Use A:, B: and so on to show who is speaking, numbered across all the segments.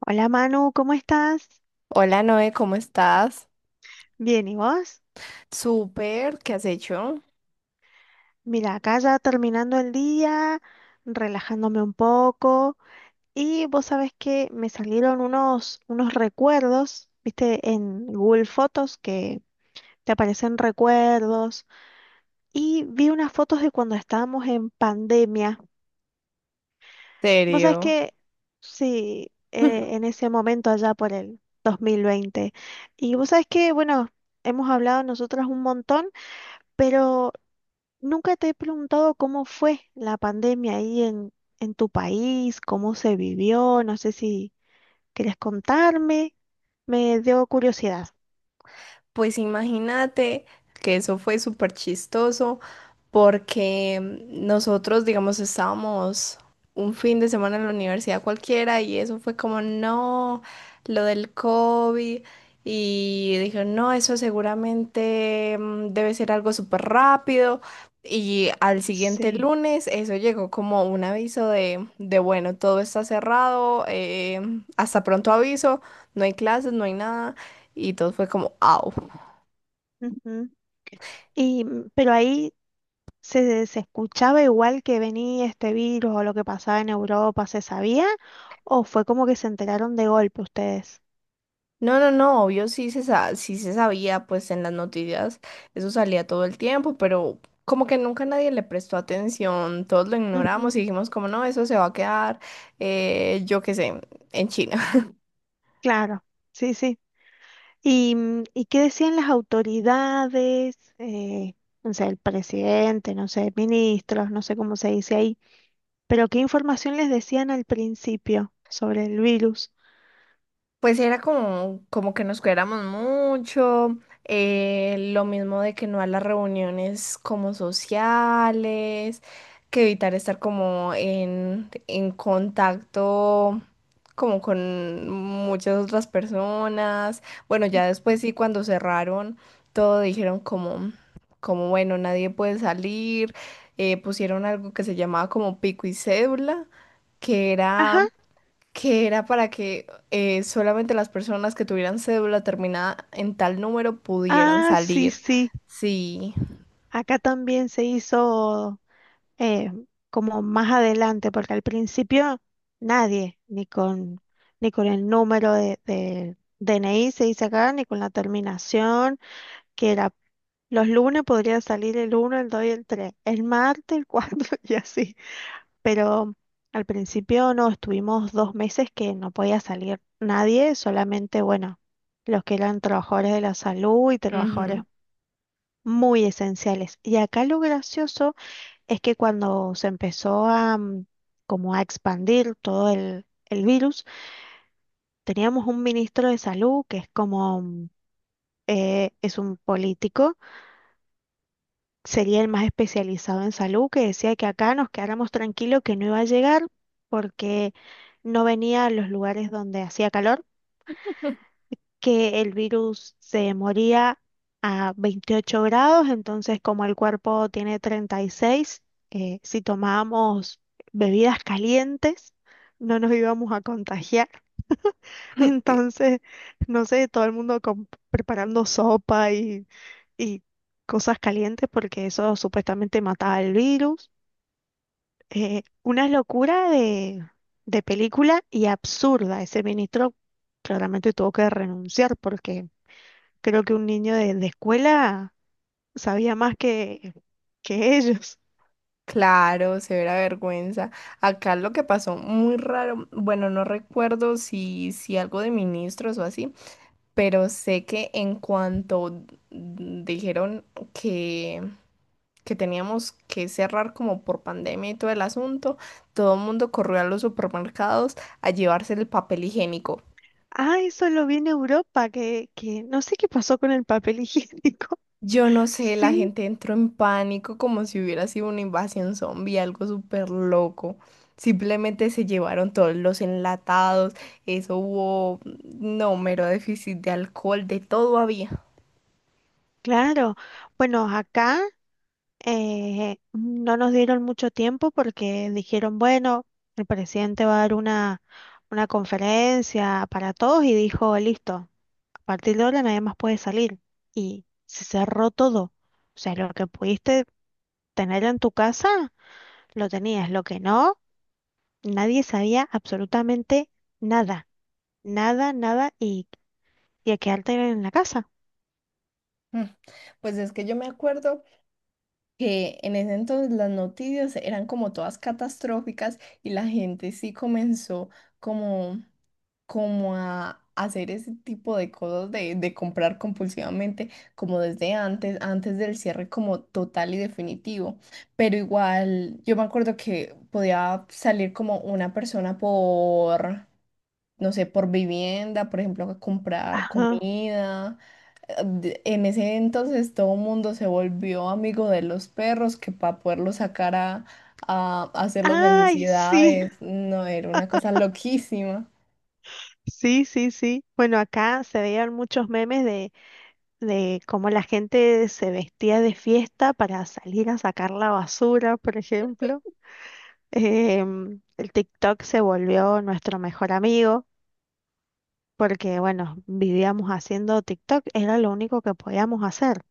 A: Hola Manu, ¿cómo estás?
B: Hola Noé, ¿cómo estás?
A: Bien, ¿y vos?
B: Súper, ¿qué has hecho?
A: Mira, acá ya terminando el día, relajándome un poco. Y vos sabés que me salieron unos recuerdos, viste, en Google Fotos que te aparecen recuerdos. Y vi unas fotos de cuando estábamos en pandemia. Vos sabés
B: ¿Serio?
A: que, sí, en ese momento allá por el 2020. Y vos sabés que, bueno, hemos hablado nosotras un montón. Pero nunca te he preguntado cómo fue la pandemia ahí en tu país, cómo se vivió, no sé si quieres contarme, me dio curiosidad.
B: Pues imagínate que eso fue súper chistoso porque nosotros, digamos, estábamos un fin de semana en la universidad cualquiera y eso fue como, no, lo del COVID. Y dije, no, eso seguramente debe ser algo súper rápido. Y al siguiente
A: Sí.
B: lunes eso llegó como un aviso de bueno, todo está cerrado, hasta pronto aviso, no hay clases, no hay nada. Y todo fue como, au.
A: Ujú. Y, pero ahí se escuchaba igual que venía este virus o lo que pasaba en Europa, ¿se sabía? ¿O fue como que se enteraron de golpe ustedes?
B: No, no, no, obvio sí se, sí se sabía, pues en las noticias eso salía todo el tiempo, pero como que nunca nadie le prestó atención, todos lo
A: Ujú.
B: ignoramos y dijimos como no, eso se va a quedar, yo qué sé, en China.
A: Claro, sí, sí. ¿Y, y qué decían las autoridades? No sé, el presidente, no sé, ministros, no sé cómo se dice ahí, pero ¿qué información les decían al principio sobre el virus?
B: Pues era como, como que nos cuidáramos mucho, lo mismo de que no a las reuniones como sociales, que evitar estar como en contacto como con muchas otras personas. Bueno, ya después sí, cuando cerraron, todo dijeron como, como bueno, nadie puede salir, pusieron algo que se llamaba como pico y cédula que
A: Ajá.
B: era que era para que solamente las personas que tuvieran cédula terminada en tal número pudieran
A: Ah, sí,
B: salir.
A: sí,
B: Sí.
A: acá también se hizo, eh, como más adelante, porque al principio nadie, ni con el número de DNI se dice acá, ni con la terminación, que era. Los lunes podría salir el uno, el 2 y el 3. El martes, el 4 y así. Pero al principio no, estuvimos 2 meses que no podía salir nadie, solamente, bueno, los que eran trabajadores de la salud y trabajadores
B: Ujú.
A: muy esenciales. Y acá lo gracioso es que cuando se empezó a como a expandir todo el virus, teníamos un ministro de salud que es como, es un político, sería el más especializado en salud, que decía que acá nos quedáramos tranquilos, que no iba a llegar porque no venía a los lugares donde hacía calor, que el virus se moría a 28 grados, entonces como el cuerpo tiene 36, si tomábamos bebidas calientes, no nos íbamos a contagiar. Entonces, no sé, todo el mundo preparando sopa y cosas calientes porque eso supuestamente mataba el virus. Una locura de película y absurda. Ese ministro claramente tuvo que renunciar porque creo que un niño de escuela sabía más que ellos.
B: Claro, severa vergüenza. Acá lo que pasó muy raro, bueno, no recuerdo si, si algo de ministros o así, pero sé que en cuanto dijeron que, que teníamos que cerrar como por pandemia y todo el asunto, todo el mundo corrió a los supermercados a llevarse el papel higiénico.
A: Ah, eso lo vi en Europa, que no sé qué pasó con el papel higiénico.
B: Yo no sé, la
A: Sí,
B: gente entró en pánico como si hubiera sido una invasión zombie, algo súper loco. Simplemente se llevaron todos los enlatados, eso hubo, no, mero déficit de alcohol, de todo había.
A: claro. Bueno, acá... No nos dieron mucho tiempo porque dijeron, bueno, el presidente va a dar una conferencia para todos y dijo, listo, a partir de ahora nadie más puede salir. Y se cerró todo. O sea, lo que pudiste tener en tu casa, lo tenías. Lo que no, nadie sabía absolutamente nada. Nada, nada y, y a quedarte en la casa.
B: Mm, Pues es que yo me acuerdo que en ese entonces las noticias eran como todas catastróficas y la gente sí comenzó como como a hacer ese tipo de cosas de comprar compulsivamente como desde antes, antes del cierre como total y definitivo. Pero igual, yo me acuerdo que podía salir como una persona por, no sé, por vivienda, por ejemplo, a comprar
A: Ajá.
B: comida. En ese entonces todo el mundo se volvió amigo de los perros que para poderlos sacar a hacer las
A: Ay, sí,
B: necesidades, no, era una cosa loquísima.
A: sí, sí, sí. Bueno, acá se veían muchos memes de cómo la gente se vestía de fiesta para salir a sacar la basura, por ejemplo. El TikTok se volvió nuestro mejor amigo porque, bueno, vivíamos haciendo TikTok, era lo único que podíamos hacer.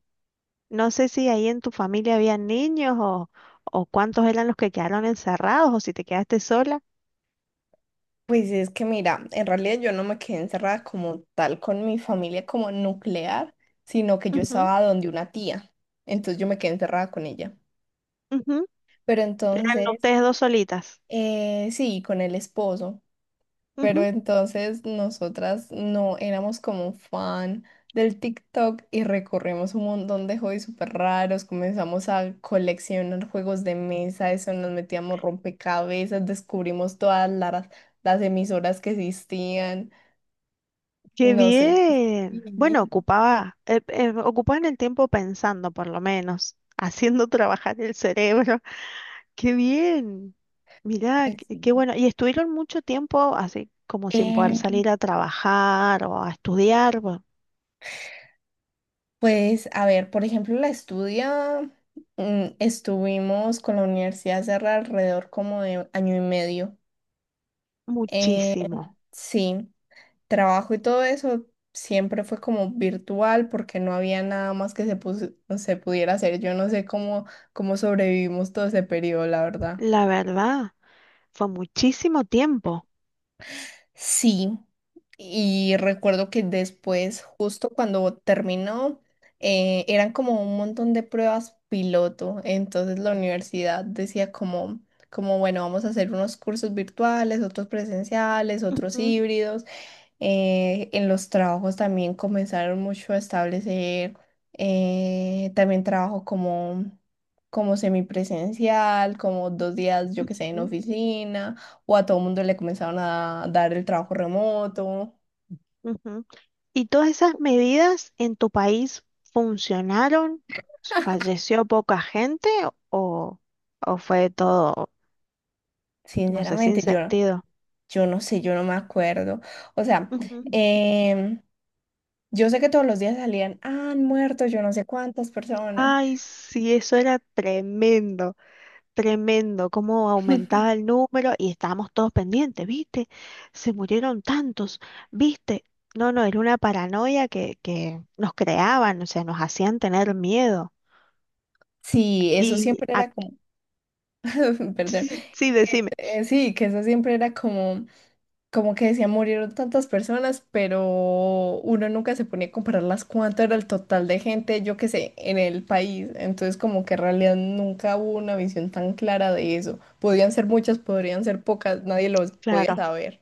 A: No sé si ahí en tu familia había niños o cuántos eran los que quedaron encerrados o si te quedaste sola.
B: Pues es que mira, en realidad yo no me quedé encerrada como tal con mi familia como nuclear, sino que yo
A: Ujú,
B: estaba donde una tía, entonces yo me quedé encerrada con ella.
A: ujú.
B: Pero
A: Eran
B: entonces,
A: ustedes dos solitas.
B: sí, con el esposo, pero entonces nosotras no éramos como fan del TikTok y recorrimos un montón de hobbies súper raros, comenzamos a coleccionar juegos de mesa, eso nos metíamos rompecabezas, descubrimos todas las emisoras que existían.
A: Qué
B: No sé. Sí.
A: bien. Bueno, ocupaba, ocupaban el tiempo pensando, por lo menos, haciendo trabajar el cerebro. Qué bien. Mirá,
B: Ay,
A: qué,
B: sí.
A: qué bueno. ¿Y estuvieron mucho tiempo así como sin poder
B: Eh,
A: salir a trabajar o a estudiar?
B: pues, a ver, por ejemplo, la estudia, estuvimos con la universidad hace alrededor como de año y medio. Eh,
A: Muchísimo.
B: sí, trabajo y todo eso siempre fue como virtual porque no había nada más que se, se pudiera hacer. Yo no sé cómo, cómo sobrevivimos todo ese periodo, la verdad.
A: La verdad, fue muchísimo tiempo.
B: Sí, y recuerdo que después, justo cuando terminó, eran como un montón de pruebas piloto. Entonces la universidad decía como, como, bueno, vamos a hacer unos cursos virtuales, otros presenciales, otros
A: Ujú,
B: híbridos en los trabajos también comenzaron mucho a establecer también trabajo como, como semipresencial, como 2 días, yo que sé, en
A: ujú,
B: oficina, o a todo el mundo le comenzaron a dar el trabajo remoto.
A: ujú. ¿Y todas esas medidas en tu país funcionaron? ¿Falleció poca gente o, o fue todo, no sé, sin
B: Sinceramente, yo,
A: sentido?
B: yo no sé, yo no me acuerdo. O sea,
A: Ujú.
B: em, yo sé que todos los días salían, "Ah, han muerto yo no sé cuántas personas.
A: Ay, sí, eso era tremendo, tremendo, cómo aumentaba el número y estábamos todos pendientes, ¿viste? Se murieron tantos, ¿viste? No, no, era una paranoia que nos creaban, o sea, nos hacían tener miedo.
B: Sí, eso
A: Y
B: siempre era
A: ac-
B: como, perdón,
A: sí, decime,
B: sí, que eso siempre era como... como que decía, murieron tantas personas, pero uno nunca se ponía a compararlas cuánto era el total de gente, yo qué sé, en el país. Entonces, como que en realidad nunca hubo una visión tan clara de eso. Podían ser muchas, podrían ser pocas, nadie los podía
A: claro.
B: saber.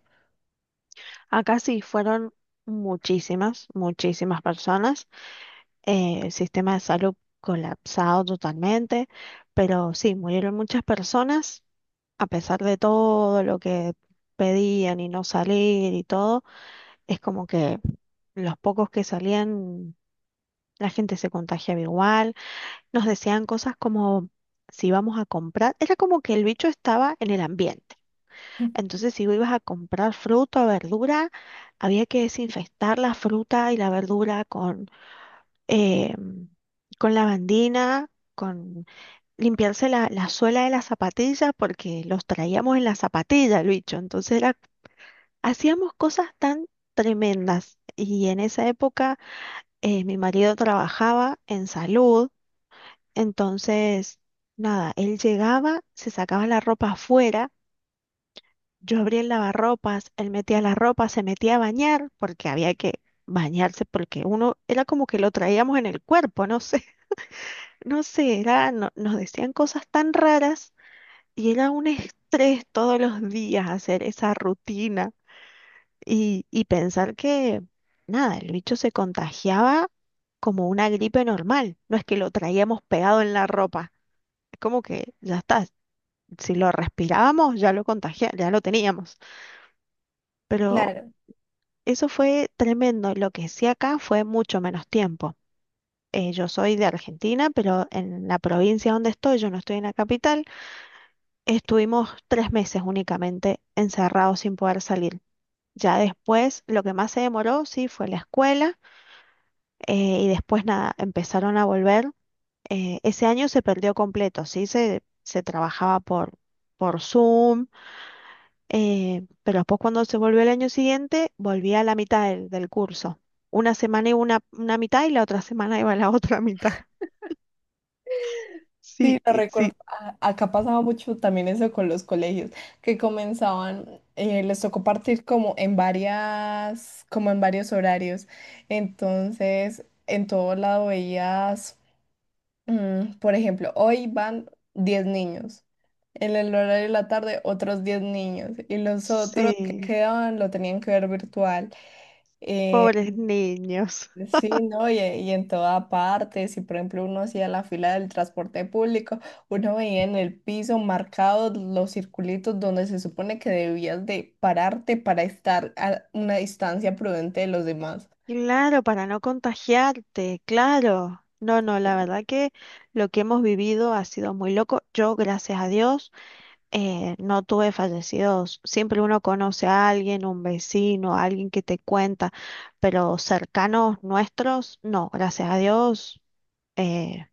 A: Acá sí fueron muchísimas, muchísimas personas. El sistema de salud colapsado totalmente, pero sí, murieron muchas personas. A pesar de todo lo que pedían y no salir y todo, es como que los pocos que salían, la gente se contagiaba igual. Nos decían cosas como si vamos a comprar. Era como que el bicho estaba en el ambiente. Entonces, si vos ibas a comprar fruta o verdura, había que desinfectar la fruta y la verdura eh, con lavandina, con limpiarse la suela de las zapatillas, porque los traíamos en la zapatilla, el bicho. Hacíamos cosas tan tremendas. Y en esa época, mi marido trabajaba en salud, entonces, nada, él llegaba, se sacaba la ropa afuera. Yo abría el lavarropas, él metía la ropa, se metía a bañar, porque había que bañarse, porque uno era como que lo traíamos en el cuerpo, no sé, no sé, era, nos decían cosas tan raras y era un estrés todos los días hacer esa rutina y pensar que, nada, el bicho se contagiaba como una gripe normal, no es que lo traíamos pegado en la ropa, es como que ya está, si lo respirábamos ya lo contagia, ya lo teníamos. Pero
B: Claro.
A: eso fue tremendo. Lo que sí acá fue mucho menos tiempo. Yo soy de Argentina, pero en la provincia donde estoy, yo no estoy en la capital, estuvimos 3 meses únicamente encerrados sin poder salir. Ya después, lo que más se demoró, sí, fue la escuela, y después nada, empezaron a volver. Ese año se perdió completo, sí, se trabajaba por Zoom. Pero después cuando se volvió el año siguiente, volví a la mitad del, del curso. Una semana iba una mitad y la otra semana iba la otra mitad. Sí,
B: Sí, lo
A: y
B: recuerdo.
A: sí,
B: Acá pasaba mucho también eso con los colegios, que comenzaban, les tocó partir como en varias, como en varios horarios. Entonces, en todo lado veías por ejemplo, hoy van 10 niños. En el horario de la tarde, otros 10 niños. Y los otros que
A: sí.
B: quedaban lo tenían que ver virtual.
A: Pobres niños.
B: Sí, ¿no? Y en toda parte, si por ejemplo uno hacía la fila del transporte público, uno veía en el piso marcados los circulitos donde se supone que debías de pararte para estar a una distancia prudente de los demás.
A: Claro, para no contagiarte, claro. No, no, la verdad que lo que hemos vivido ha sido muy loco. Yo, gracias a Dios, no tuve fallecidos. Siempre uno conoce a alguien, un vecino, alguien que te cuenta, pero cercanos nuestros, no, gracias a Dios, eh,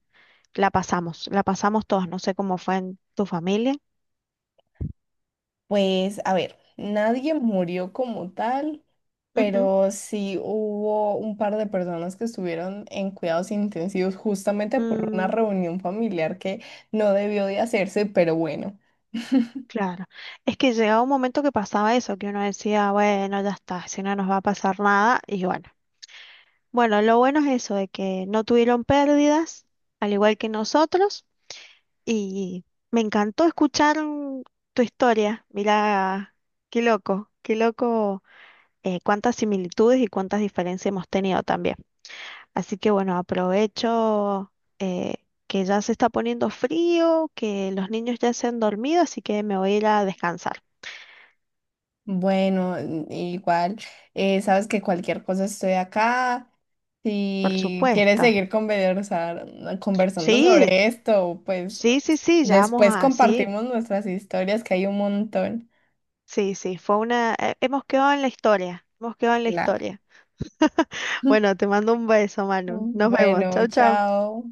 A: la pasamos todos. No sé cómo fue en tu familia.
B: Pues, a ver, nadie murió como tal,
A: Ujú.
B: pero sí hubo un par de personas que estuvieron en cuidados intensivos justamente por una
A: Mm,
B: reunión familiar que no debió de hacerse, pero bueno,
A: claro. Es que llegaba un momento que pasaba eso, que uno decía, bueno, ya está, si no nos va a pasar nada, y bueno. Bueno, lo bueno es eso, de que no tuvieron pérdidas, al igual que nosotros. Y me encantó escuchar, tu historia. Mira, qué loco, cuántas similitudes y cuántas diferencias hemos tenido también. Así que bueno, aprovecho, eh, que ya se está poniendo frío, que los niños ya se han dormido, así que me voy a ir a descansar,
B: bueno, igual, sabes que cualquier cosa estoy acá.
A: por
B: Si quieres
A: supuesto.
B: seguir conversar, conversando
A: Sí,
B: sobre esto, pues
A: sí, sí, sí, ya vamos
B: después
A: a, sí,
B: compartimos nuestras historias, que hay un montón.
A: sí, sí, fue una, hemos quedado en la historia, hemos quedado en la
B: Claro.
A: historia. Bueno, te mando un beso, Manu. Nos vemos.
B: Bueno,
A: Chau, chau.
B: chao.